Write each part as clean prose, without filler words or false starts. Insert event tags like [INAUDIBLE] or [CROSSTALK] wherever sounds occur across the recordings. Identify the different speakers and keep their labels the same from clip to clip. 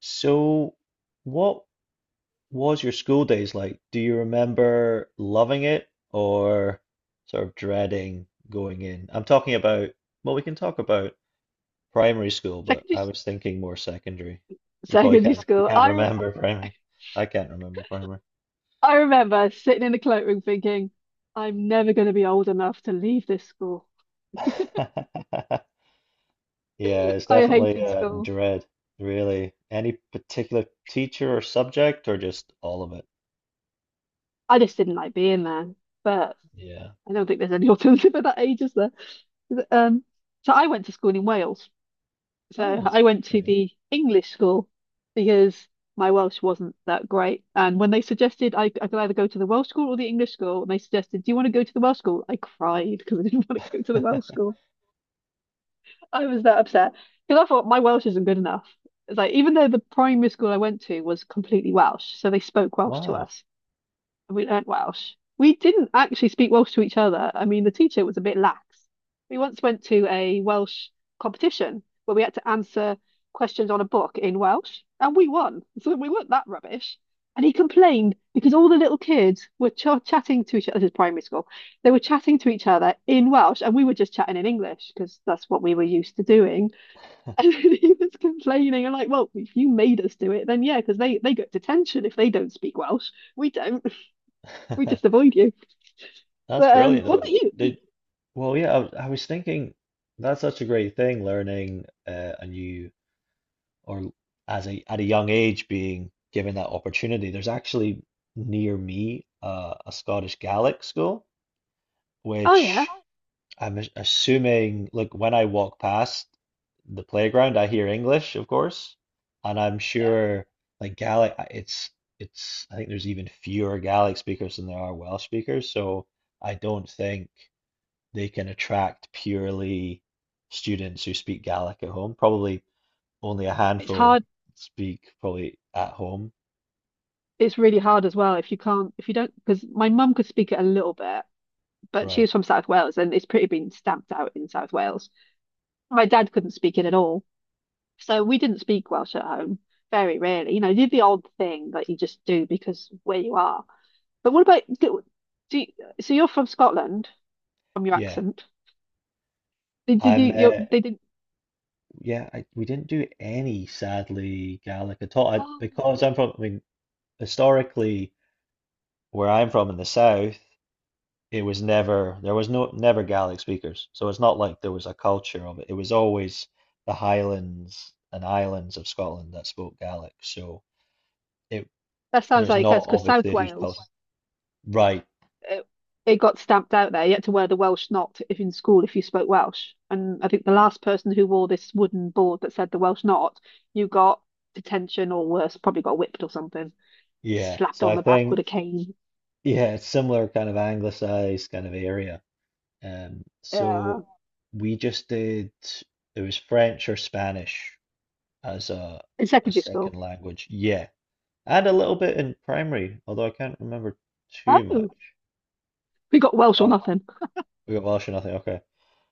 Speaker 1: So, what was your school days like? Do you remember loving it or sort of dreading going in? I'm talking about, well, we can talk about primary school, but I
Speaker 2: Secondary,
Speaker 1: was thinking more secondary. You probably
Speaker 2: secondary
Speaker 1: can't, we
Speaker 2: school.
Speaker 1: can't remember [LAUGHS] primary. I can't remember primary.
Speaker 2: I remember sitting in the cloakroom thinking, I'm never going to be old enough to leave this school.
Speaker 1: [LAUGHS] Yeah, it's
Speaker 2: I
Speaker 1: definitely
Speaker 2: hated school.
Speaker 1: dread, really. Any particular teacher or subject, or just all of it?
Speaker 2: I just didn't like being there. But
Speaker 1: Yeah.
Speaker 2: I don't think there's any [LAUGHS] alternative at that age, is there? Um, so I went to school in Wales. So
Speaker 1: Oh,
Speaker 2: I went to
Speaker 1: yeah.
Speaker 2: the English school because my Welsh wasn't that great. And when they suggested I could either go to the Welsh school or the English school, and they suggested, "Do you want to go to the Welsh school?" I cried because I didn't [LAUGHS] want to go to the Welsh school. I was that upset because I thought my Welsh isn't good enough. It's like even though the primary school I went to was completely Welsh, so they spoke
Speaker 1: [LAUGHS]
Speaker 2: Welsh to
Speaker 1: Wow.
Speaker 2: us. We learned Welsh. We didn't actually speak Welsh to each other. I mean, the teacher was a bit lax. We once went to a Welsh competition where we had to answer questions on a book in Welsh, and we won. So we weren't that rubbish. And he complained because all the little kids were ch chatting to each other. This is primary school. They were chatting to each other in Welsh, and we were just chatting in English because that's what we were used to doing. And [LAUGHS] he was complaining. I'm like, well, if you made us do it, then yeah, because they get detention if they don't speak Welsh. We don't. We just
Speaker 1: [LAUGHS]
Speaker 2: avoid you.
Speaker 1: That's
Speaker 2: But
Speaker 1: brilliant.
Speaker 2: what
Speaker 1: Oh,
Speaker 2: about
Speaker 1: though.
Speaker 2: you?
Speaker 1: Did well, yeah. I was thinking that's such a great thing, learning a new or as a at a young age being given that opportunity. There's actually near me a Scottish Gaelic school,
Speaker 2: Oh
Speaker 1: which
Speaker 2: yeah,
Speaker 1: oh, I'm assuming. Like when I walk past the playground, I hear English, of course, and I'm
Speaker 2: yeah.
Speaker 1: sure like Gaelic. It's I think there's even fewer Gaelic speakers than there are Welsh speakers. So I don't think they can attract purely students who speak Gaelic at home. Probably only a
Speaker 2: It's
Speaker 1: handful
Speaker 2: hard.
Speaker 1: speak probably at home.
Speaker 2: It's really hard as well if you can't, if you don't, because my mum could speak it a little bit, but she
Speaker 1: Right.
Speaker 2: was from South Wales and it's pretty been stamped out in South Wales. My dad couldn't speak it at all, so we didn't speak Welsh at home very rarely. You know, you did the odd thing that you just do because where you are. But what about do, do you, so you're from Scotland from your
Speaker 1: Yeah.
Speaker 2: accent? Did you
Speaker 1: I'm
Speaker 2: you they didn't?
Speaker 1: yeah, we didn't do any sadly Gaelic at all.
Speaker 2: Oh,
Speaker 1: Because I'm from I mean historically where I'm from in the south, it was never there was no never Gaelic speakers. So it's not like there was a culture of it. It was always the Highlands and Islands of Scotland that spoke Gaelic. So it
Speaker 2: that sounds
Speaker 1: there's
Speaker 2: like
Speaker 1: not
Speaker 2: us because
Speaker 1: obviously
Speaker 2: South
Speaker 1: a huge culture.
Speaker 2: Wales.
Speaker 1: Right.
Speaker 2: it, it got stamped out there. You had to wear the Welsh knot if in school if you spoke Welsh. And I think the last person who wore this wooden board that said the Welsh knot, you got detention or worse, probably got whipped or something,
Speaker 1: Yeah.
Speaker 2: slapped
Speaker 1: So
Speaker 2: on
Speaker 1: I
Speaker 2: the back with
Speaker 1: think,
Speaker 2: a cane.
Speaker 1: yeah, it's similar kind of anglicized kind of area. Um,
Speaker 2: Yeah,
Speaker 1: so we just did, it was French or Spanish as
Speaker 2: in
Speaker 1: a
Speaker 2: secondary
Speaker 1: second
Speaker 2: school.
Speaker 1: language. Yeah. And a little bit in primary, although I can't remember too much.
Speaker 2: Oh, we got Welsh or
Speaker 1: But
Speaker 2: nothing.
Speaker 1: we got Welsh or nothing. Okay.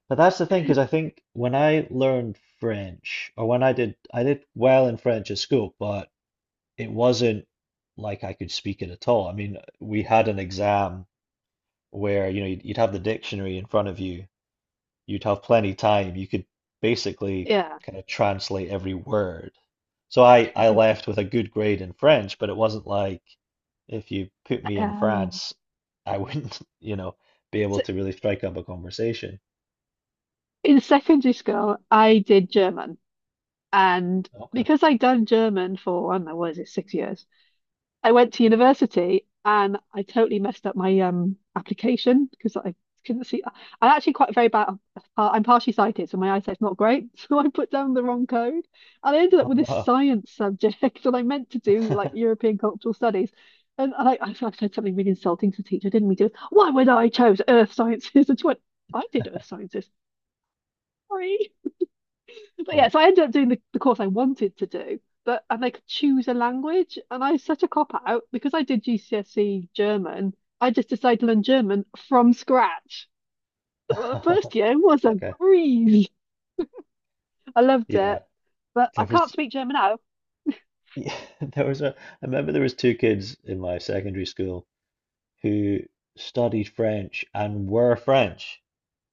Speaker 1: But that's the thing, because I
Speaker 2: [LAUGHS]
Speaker 1: think when I learned French, or when I did well in French at school, but it wasn't like I could speak it at all. I mean, we had an exam where you know you'd have the dictionary in front of you you'd have plenty time you could basically
Speaker 2: Yeah.
Speaker 1: kind of translate every word so I left with a good grade in French but it wasn't like if you put me in
Speaker 2: Um,
Speaker 1: France I wouldn't [LAUGHS] you know be able
Speaker 2: so
Speaker 1: to really strike up a conversation.
Speaker 2: in secondary school, I did German, and
Speaker 1: Okay.
Speaker 2: because I'd done German for I don't know what is it, 6 years, I went to university and I totally messed up my application because I couldn't see. I'm actually quite very bad. I'm partially sighted, so my eyesight's not great. [LAUGHS] So I put down the wrong code, and I ended up
Speaker 1: Oh
Speaker 2: with this
Speaker 1: no.
Speaker 2: science subject [LAUGHS] that I meant to do like
Speaker 1: [LAUGHS]
Speaker 2: European cultural studies. And I said something really insulting to the teacher, didn't we? Do why would I chose earth sciences? [LAUGHS] And she went, I did earth sciences. Sorry. But yeah,
Speaker 1: But-
Speaker 2: so I ended up doing the course I wanted to do, but and I could choose a language, and I was such a cop out because I did GCSE German. I just decided to learn German from scratch. Well, the first year
Speaker 1: [LAUGHS]
Speaker 2: was a
Speaker 1: okay.
Speaker 2: breeze. I loved
Speaker 1: Yeah,
Speaker 2: it, but I
Speaker 1: there
Speaker 2: can't
Speaker 1: was
Speaker 2: speak German now.
Speaker 1: yeah, [LAUGHS] there was a I remember there was two kids in my secondary school who studied French and were French.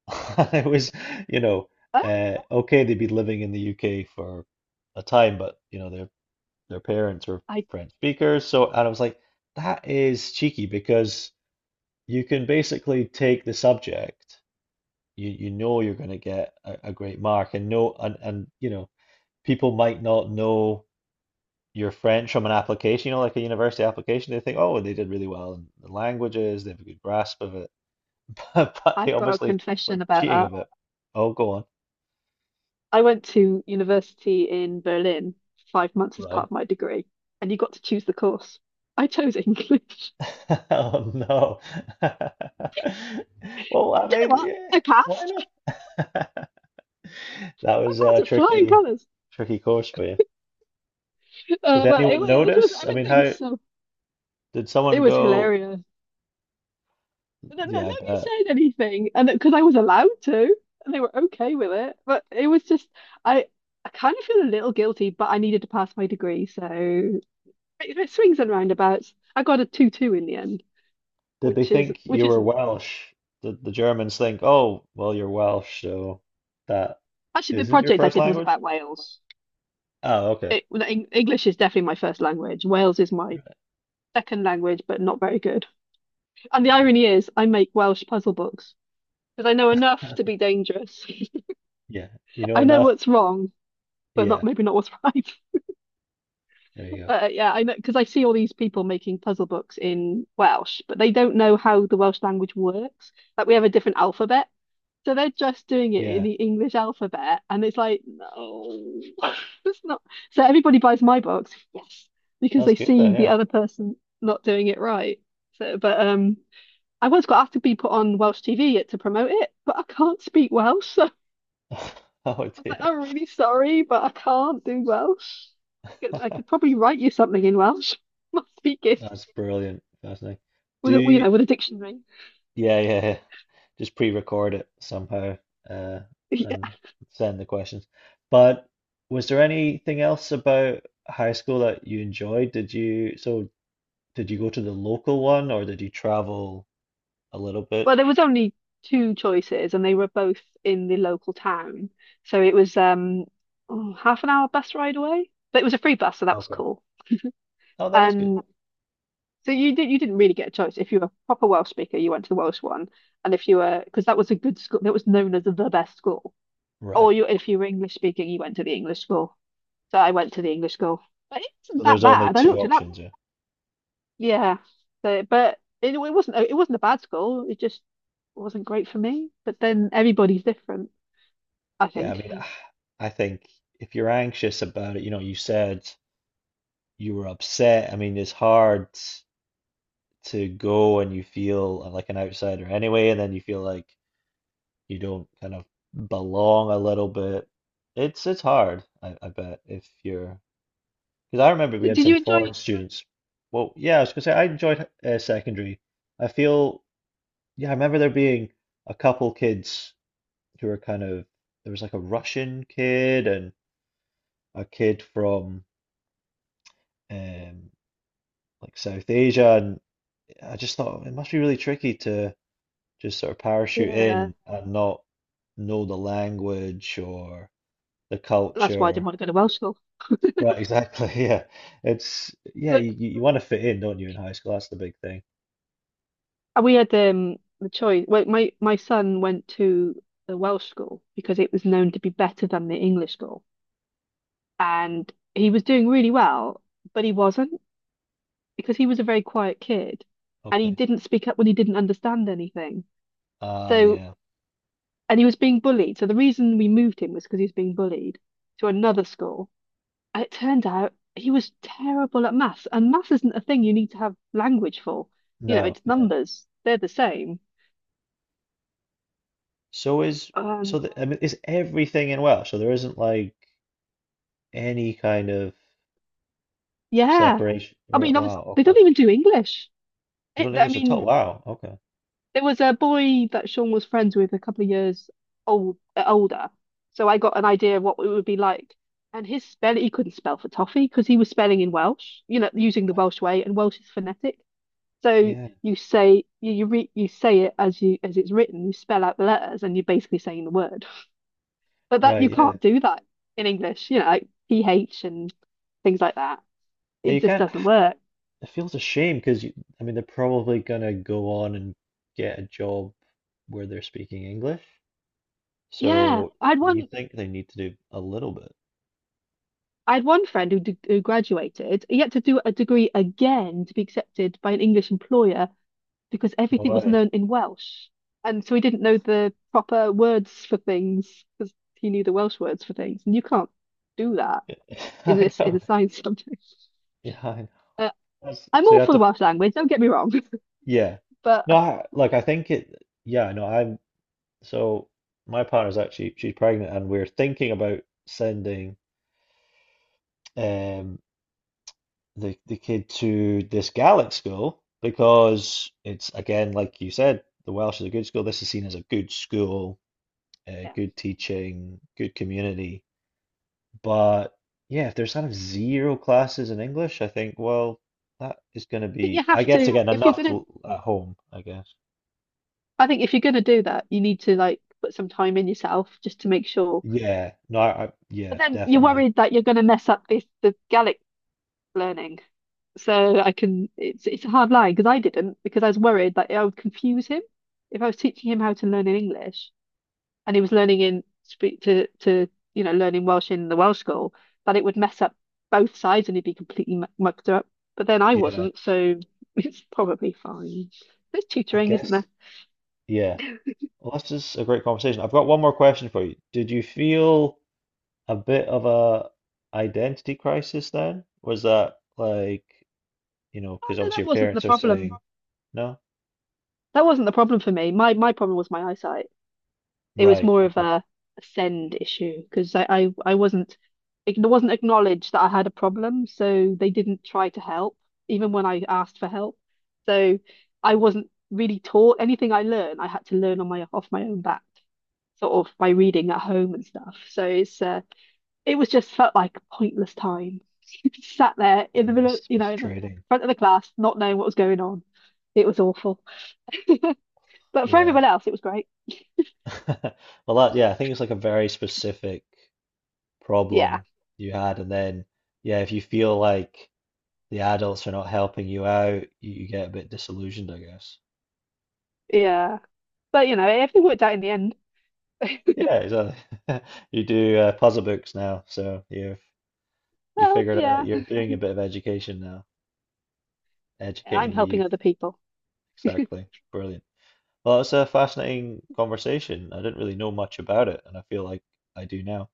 Speaker 1: [LAUGHS] It was, you know,
Speaker 2: Huh?
Speaker 1: okay, they would be living in the UK for a time, but you know, their parents are
Speaker 2: I
Speaker 1: French speakers. So, and I was like, that is cheeky because you can basically take the subject, you know, you're going to get a great mark, and no, and you know, people might not know your French from an application, you know, like a university application. They think, oh, they did really well in the languages, they have a good grasp of it, [LAUGHS] but they
Speaker 2: I've got a
Speaker 1: obviously were
Speaker 2: confession about
Speaker 1: cheating a
Speaker 2: that.
Speaker 1: bit. Oh, go on.
Speaker 2: I went to university in Berlin for 5 months as
Speaker 1: Right.
Speaker 2: part of my degree, and you got to choose the course. I chose English.
Speaker 1: [LAUGHS] Oh no. [LAUGHS] Well, I
Speaker 2: [LAUGHS] Do you know
Speaker 1: mean,
Speaker 2: what?
Speaker 1: yeah,
Speaker 2: I
Speaker 1: why
Speaker 2: passed.
Speaker 1: not? [LAUGHS] That
Speaker 2: I
Speaker 1: was
Speaker 2: passed with flying colours.
Speaker 1: tricky course for you. Did
Speaker 2: Oh, well,
Speaker 1: anyone
Speaker 2: it was
Speaker 1: notice? I mean,
Speaker 2: everything
Speaker 1: how
Speaker 2: was so
Speaker 1: did
Speaker 2: it
Speaker 1: someone
Speaker 2: was
Speaker 1: go?
Speaker 2: hilarious. And then
Speaker 1: Yeah, I
Speaker 2: nobody
Speaker 1: bet.
Speaker 2: said anything, and because I was allowed to, and they were okay with it. But it was just I I kind of feel a little guilty, but I needed to pass my degree, so it swings and roundabouts. I got a two two in the end,
Speaker 1: Did they
Speaker 2: which is
Speaker 1: think
Speaker 2: which
Speaker 1: you were
Speaker 2: isn't
Speaker 1: Welsh? Did the Germans think, oh, well, you're Welsh, so that
Speaker 2: actually the
Speaker 1: isn't your
Speaker 2: project I
Speaker 1: first
Speaker 2: did was
Speaker 1: language?
Speaker 2: about Wales.
Speaker 1: Oh, okay.
Speaker 2: It, well, English is definitely my first language. Wales is my second language, but not very good. And the
Speaker 1: All right.
Speaker 2: irony is, I make Welsh puzzle books because I know enough to
Speaker 1: [LAUGHS]
Speaker 2: be dangerous. [LAUGHS]
Speaker 1: Yeah, you know
Speaker 2: I know
Speaker 1: enough.
Speaker 2: what's wrong, but not
Speaker 1: Yeah,
Speaker 2: maybe not what's [LAUGHS] right.
Speaker 1: there you go.
Speaker 2: But yeah, I know because I see all these people making puzzle books in Welsh, but they don't know how the Welsh language works. Like we have a different alphabet, so they're just doing it in
Speaker 1: Yeah,
Speaker 2: the English alphabet, and it's like, no, [LAUGHS] it's not. So everybody buys my books, yes, because
Speaker 1: that's
Speaker 2: they
Speaker 1: good
Speaker 2: see
Speaker 1: then.
Speaker 2: the
Speaker 1: Yeah.
Speaker 2: other person not doing it right. So, but I once got asked to be put on Welsh TV to promote it, but I can't speak Welsh.
Speaker 1: [LAUGHS] Oh
Speaker 2: I was like,
Speaker 1: dear.
Speaker 2: I'm really sorry, but I can't do Welsh. I could, I
Speaker 1: [LAUGHS]
Speaker 2: could probably write you something in Welsh. [LAUGHS] Must be
Speaker 1: That's
Speaker 2: gifts
Speaker 1: brilliant. Fascinating. Do
Speaker 2: with a, you
Speaker 1: you,
Speaker 2: know, with a dictionary. [LAUGHS]
Speaker 1: yeah, yeah, yeah. Just pre-record it somehow, uh,
Speaker 2: Yeah.
Speaker 1: and send the questions. But was there anything else about high school that you enjoyed? Did you, so did you go to the local one or did you travel a little bit?
Speaker 2: Well, there was only two choices, and they were both in the local town. So it was oh, half an hour bus ride away, but it was a free bus, so that was
Speaker 1: Okay.
Speaker 2: cool.
Speaker 1: Oh, that is good.
Speaker 2: And so you didn't really get a choice. If you were a proper Welsh speaker, you went to the Welsh one, and if you were, because that was a good school, that was known as the best school.
Speaker 1: Right.
Speaker 2: Or you, if you were English speaking, you went to the English school. So I went to the English school. But it wasn't
Speaker 1: So
Speaker 2: that
Speaker 1: there's only
Speaker 2: bad. I
Speaker 1: two
Speaker 2: looked it up.
Speaker 1: options, yeah.
Speaker 2: Yeah. So, but it wasn't it wasn't a bad school. It just wasn't great for me. But then everybody's different, I
Speaker 1: Yeah, I
Speaker 2: think.
Speaker 1: mean, I think if you're anxious about it, you know, you said you were upset. I mean, it's hard to go and you feel like an outsider anyway, and then you feel like you don't kind of belong a little bit. It's hard, I bet, if you're because I remember we had
Speaker 2: Did
Speaker 1: some
Speaker 2: you
Speaker 1: foreign
Speaker 2: enjoy?
Speaker 1: students. Well, yeah, I was gonna say I enjoyed secondary. I feel yeah, I remember there being a couple kids who were kind of there was like a Russian kid and a kid from um like South Asia, and I just thought it must be really tricky to just sort of parachute
Speaker 2: Yeah.
Speaker 1: in and not know the language or the
Speaker 2: That's why I didn't
Speaker 1: culture.
Speaker 2: want to go to Welsh school.
Speaker 1: Right, exactly. [LAUGHS] Yeah. It's yeah,
Speaker 2: Look,
Speaker 1: you want to fit in, don't you, in high school? That's the big thing.
Speaker 2: we had the choice. Well, my son went to the Welsh school because it was known to be better than the English school, and he was doing really well, but he wasn't because he was a very quiet kid, and he
Speaker 1: Okay.
Speaker 2: didn't speak up when he didn't understand anything.
Speaker 1: Ah,
Speaker 2: So,
Speaker 1: yeah.
Speaker 2: and he was being bullied. So the reason we moved him was because he was being bullied to another school. And it turned out he was terrible at maths, and maths isn't a thing you need to have language for. You know,
Speaker 1: No,
Speaker 2: it's
Speaker 1: yeah.
Speaker 2: numbers. They're the same.
Speaker 1: So is so
Speaker 2: Um,
Speaker 1: the, I mean, is everything in Welsh? So there isn't like any kind of
Speaker 2: yeah.
Speaker 1: separation.
Speaker 2: I
Speaker 1: Right,
Speaker 2: mean, obviously,
Speaker 1: wow,
Speaker 2: they don't
Speaker 1: okay.
Speaker 2: even do English.
Speaker 1: You
Speaker 2: It,
Speaker 1: don't
Speaker 2: I
Speaker 1: English at all?
Speaker 2: mean,
Speaker 1: Wow, okay.
Speaker 2: there was a boy that Sean was friends with a couple of years old, older. So I got an idea of what it would be like. And his spell, he couldn't spell for toffee because he was spelling in Welsh, you know, using the Welsh way, and Welsh is phonetic. So
Speaker 1: Yeah,
Speaker 2: you say it as you as it's written. You spell out the letters, and you're basically saying the word. But that
Speaker 1: right,
Speaker 2: you
Speaker 1: yeah.
Speaker 2: can't do that in English. You know, like PH and things like that.
Speaker 1: Yeah,
Speaker 2: It
Speaker 1: you
Speaker 2: just
Speaker 1: can't.
Speaker 2: doesn't work.
Speaker 1: It feels a shame because you, I mean, they're probably gonna go on and get a job where they're speaking English.
Speaker 2: Yeah,
Speaker 1: So
Speaker 2: I had
Speaker 1: you
Speaker 2: one.
Speaker 1: think they need to do a little bit.
Speaker 2: I had one friend who graduated. He had to do a degree again to be accepted by an English employer because
Speaker 1: No
Speaker 2: everything was
Speaker 1: way.
Speaker 2: learned in Welsh, and so he didn't know the proper words for things because he knew the Welsh words for things, and you can't do that
Speaker 1: [LAUGHS]
Speaker 2: in
Speaker 1: I
Speaker 2: this in
Speaker 1: know.
Speaker 2: a science [LAUGHS] subject.
Speaker 1: Yeah, I know.
Speaker 2: Uh,
Speaker 1: That's,
Speaker 2: I'm
Speaker 1: so
Speaker 2: all
Speaker 1: you have
Speaker 2: for the
Speaker 1: to,
Speaker 2: Welsh language, don't get me wrong, [LAUGHS]
Speaker 1: yeah.
Speaker 2: but
Speaker 1: No,
Speaker 2: I
Speaker 1: like I think it, yeah, no, I'm, so my partner's actually, she's pregnant and we're thinking about sending, um, the kid to this Gaelic school because it's again like you said, the Welsh is a good school. This is seen as a good school,
Speaker 2: yeah. I
Speaker 1: good teaching, good community. But yeah, if there's kind of zero classes in English, I think well that is going to
Speaker 2: think you
Speaker 1: be I
Speaker 2: have
Speaker 1: guess
Speaker 2: to,
Speaker 1: again
Speaker 2: if you're
Speaker 1: enough
Speaker 2: gonna,
Speaker 1: to, at home, I guess.
Speaker 2: I think if you're gonna do that, you need to like put some time in yourself just to make sure.
Speaker 1: Yeah, no, I
Speaker 2: But
Speaker 1: yeah,
Speaker 2: then you're
Speaker 1: definitely.
Speaker 2: worried that you're gonna mess up this the Gaelic learning. So I can, it's a hard line because I didn't because I was worried that I would confuse him if I was teaching him how to learn in English, and he was learning in speak to you know learning Welsh in the Welsh school that it would mess up both sides and he'd be completely mucked up. But then I
Speaker 1: Yeah,
Speaker 2: wasn't, so [LAUGHS] it's probably fine. There's
Speaker 1: I
Speaker 2: tutoring, isn't
Speaker 1: guess
Speaker 2: there?
Speaker 1: yeah. Well, this is a great conversation. I've got one more question for you. Did you feel a bit of a identity crisis then? Was that like, you know,
Speaker 2: Oh
Speaker 1: because
Speaker 2: no,
Speaker 1: obviously
Speaker 2: that
Speaker 1: your
Speaker 2: wasn't the
Speaker 1: parents are
Speaker 2: problem.
Speaker 1: saying, no?
Speaker 2: That wasn't the problem for me. My problem was my eyesight. It was
Speaker 1: Right,
Speaker 2: more of
Speaker 1: okay.
Speaker 2: a send issue because I wasn't it wasn't acknowledged that I had a problem, so they didn't try to help even when I asked for help. So I wasn't really taught anything I learned. I had to learn on my own back, sort of by reading at home and stuff. So it's it was just felt like a pointless time. [LAUGHS] Sat there in the middle,
Speaker 1: Yes,
Speaker 2: you know, in the
Speaker 1: frustrating.
Speaker 2: front of the class, not knowing what was going on. It was awful. But for
Speaker 1: Yeah.
Speaker 2: everyone else, it was great.
Speaker 1: [LAUGHS] Well, that, yeah, I think it's like a very specific
Speaker 2: Yeah,
Speaker 1: problem you had. And then, yeah, if you feel like the adults are not helping you out, you get a bit disillusioned, I guess.
Speaker 2: yeah. But you know, everything worked out in the end.
Speaker 1: Yeah, exactly. [LAUGHS] You do puzzle books now, so you've you
Speaker 2: Well,
Speaker 1: figured out
Speaker 2: yeah,
Speaker 1: you're doing a bit of education now,
Speaker 2: I'm
Speaker 1: educating the
Speaker 2: helping
Speaker 1: youth.
Speaker 2: other people.
Speaker 1: Exactly. Brilliant. Well, it's a fascinating conversation. I didn't really know much about it, and I feel like I do now.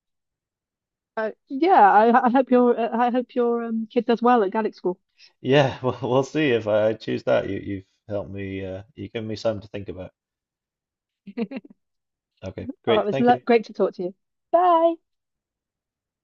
Speaker 2: I hope your kid does well at Gaelic school.
Speaker 1: Yeah, [LAUGHS] well, we'll see if I choose that. You've helped me, you've given me something to think about. Okay,
Speaker 2: Oh, it
Speaker 1: great.
Speaker 2: was
Speaker 1: Thank you.
Speaker 2: great to talk to you. Bye.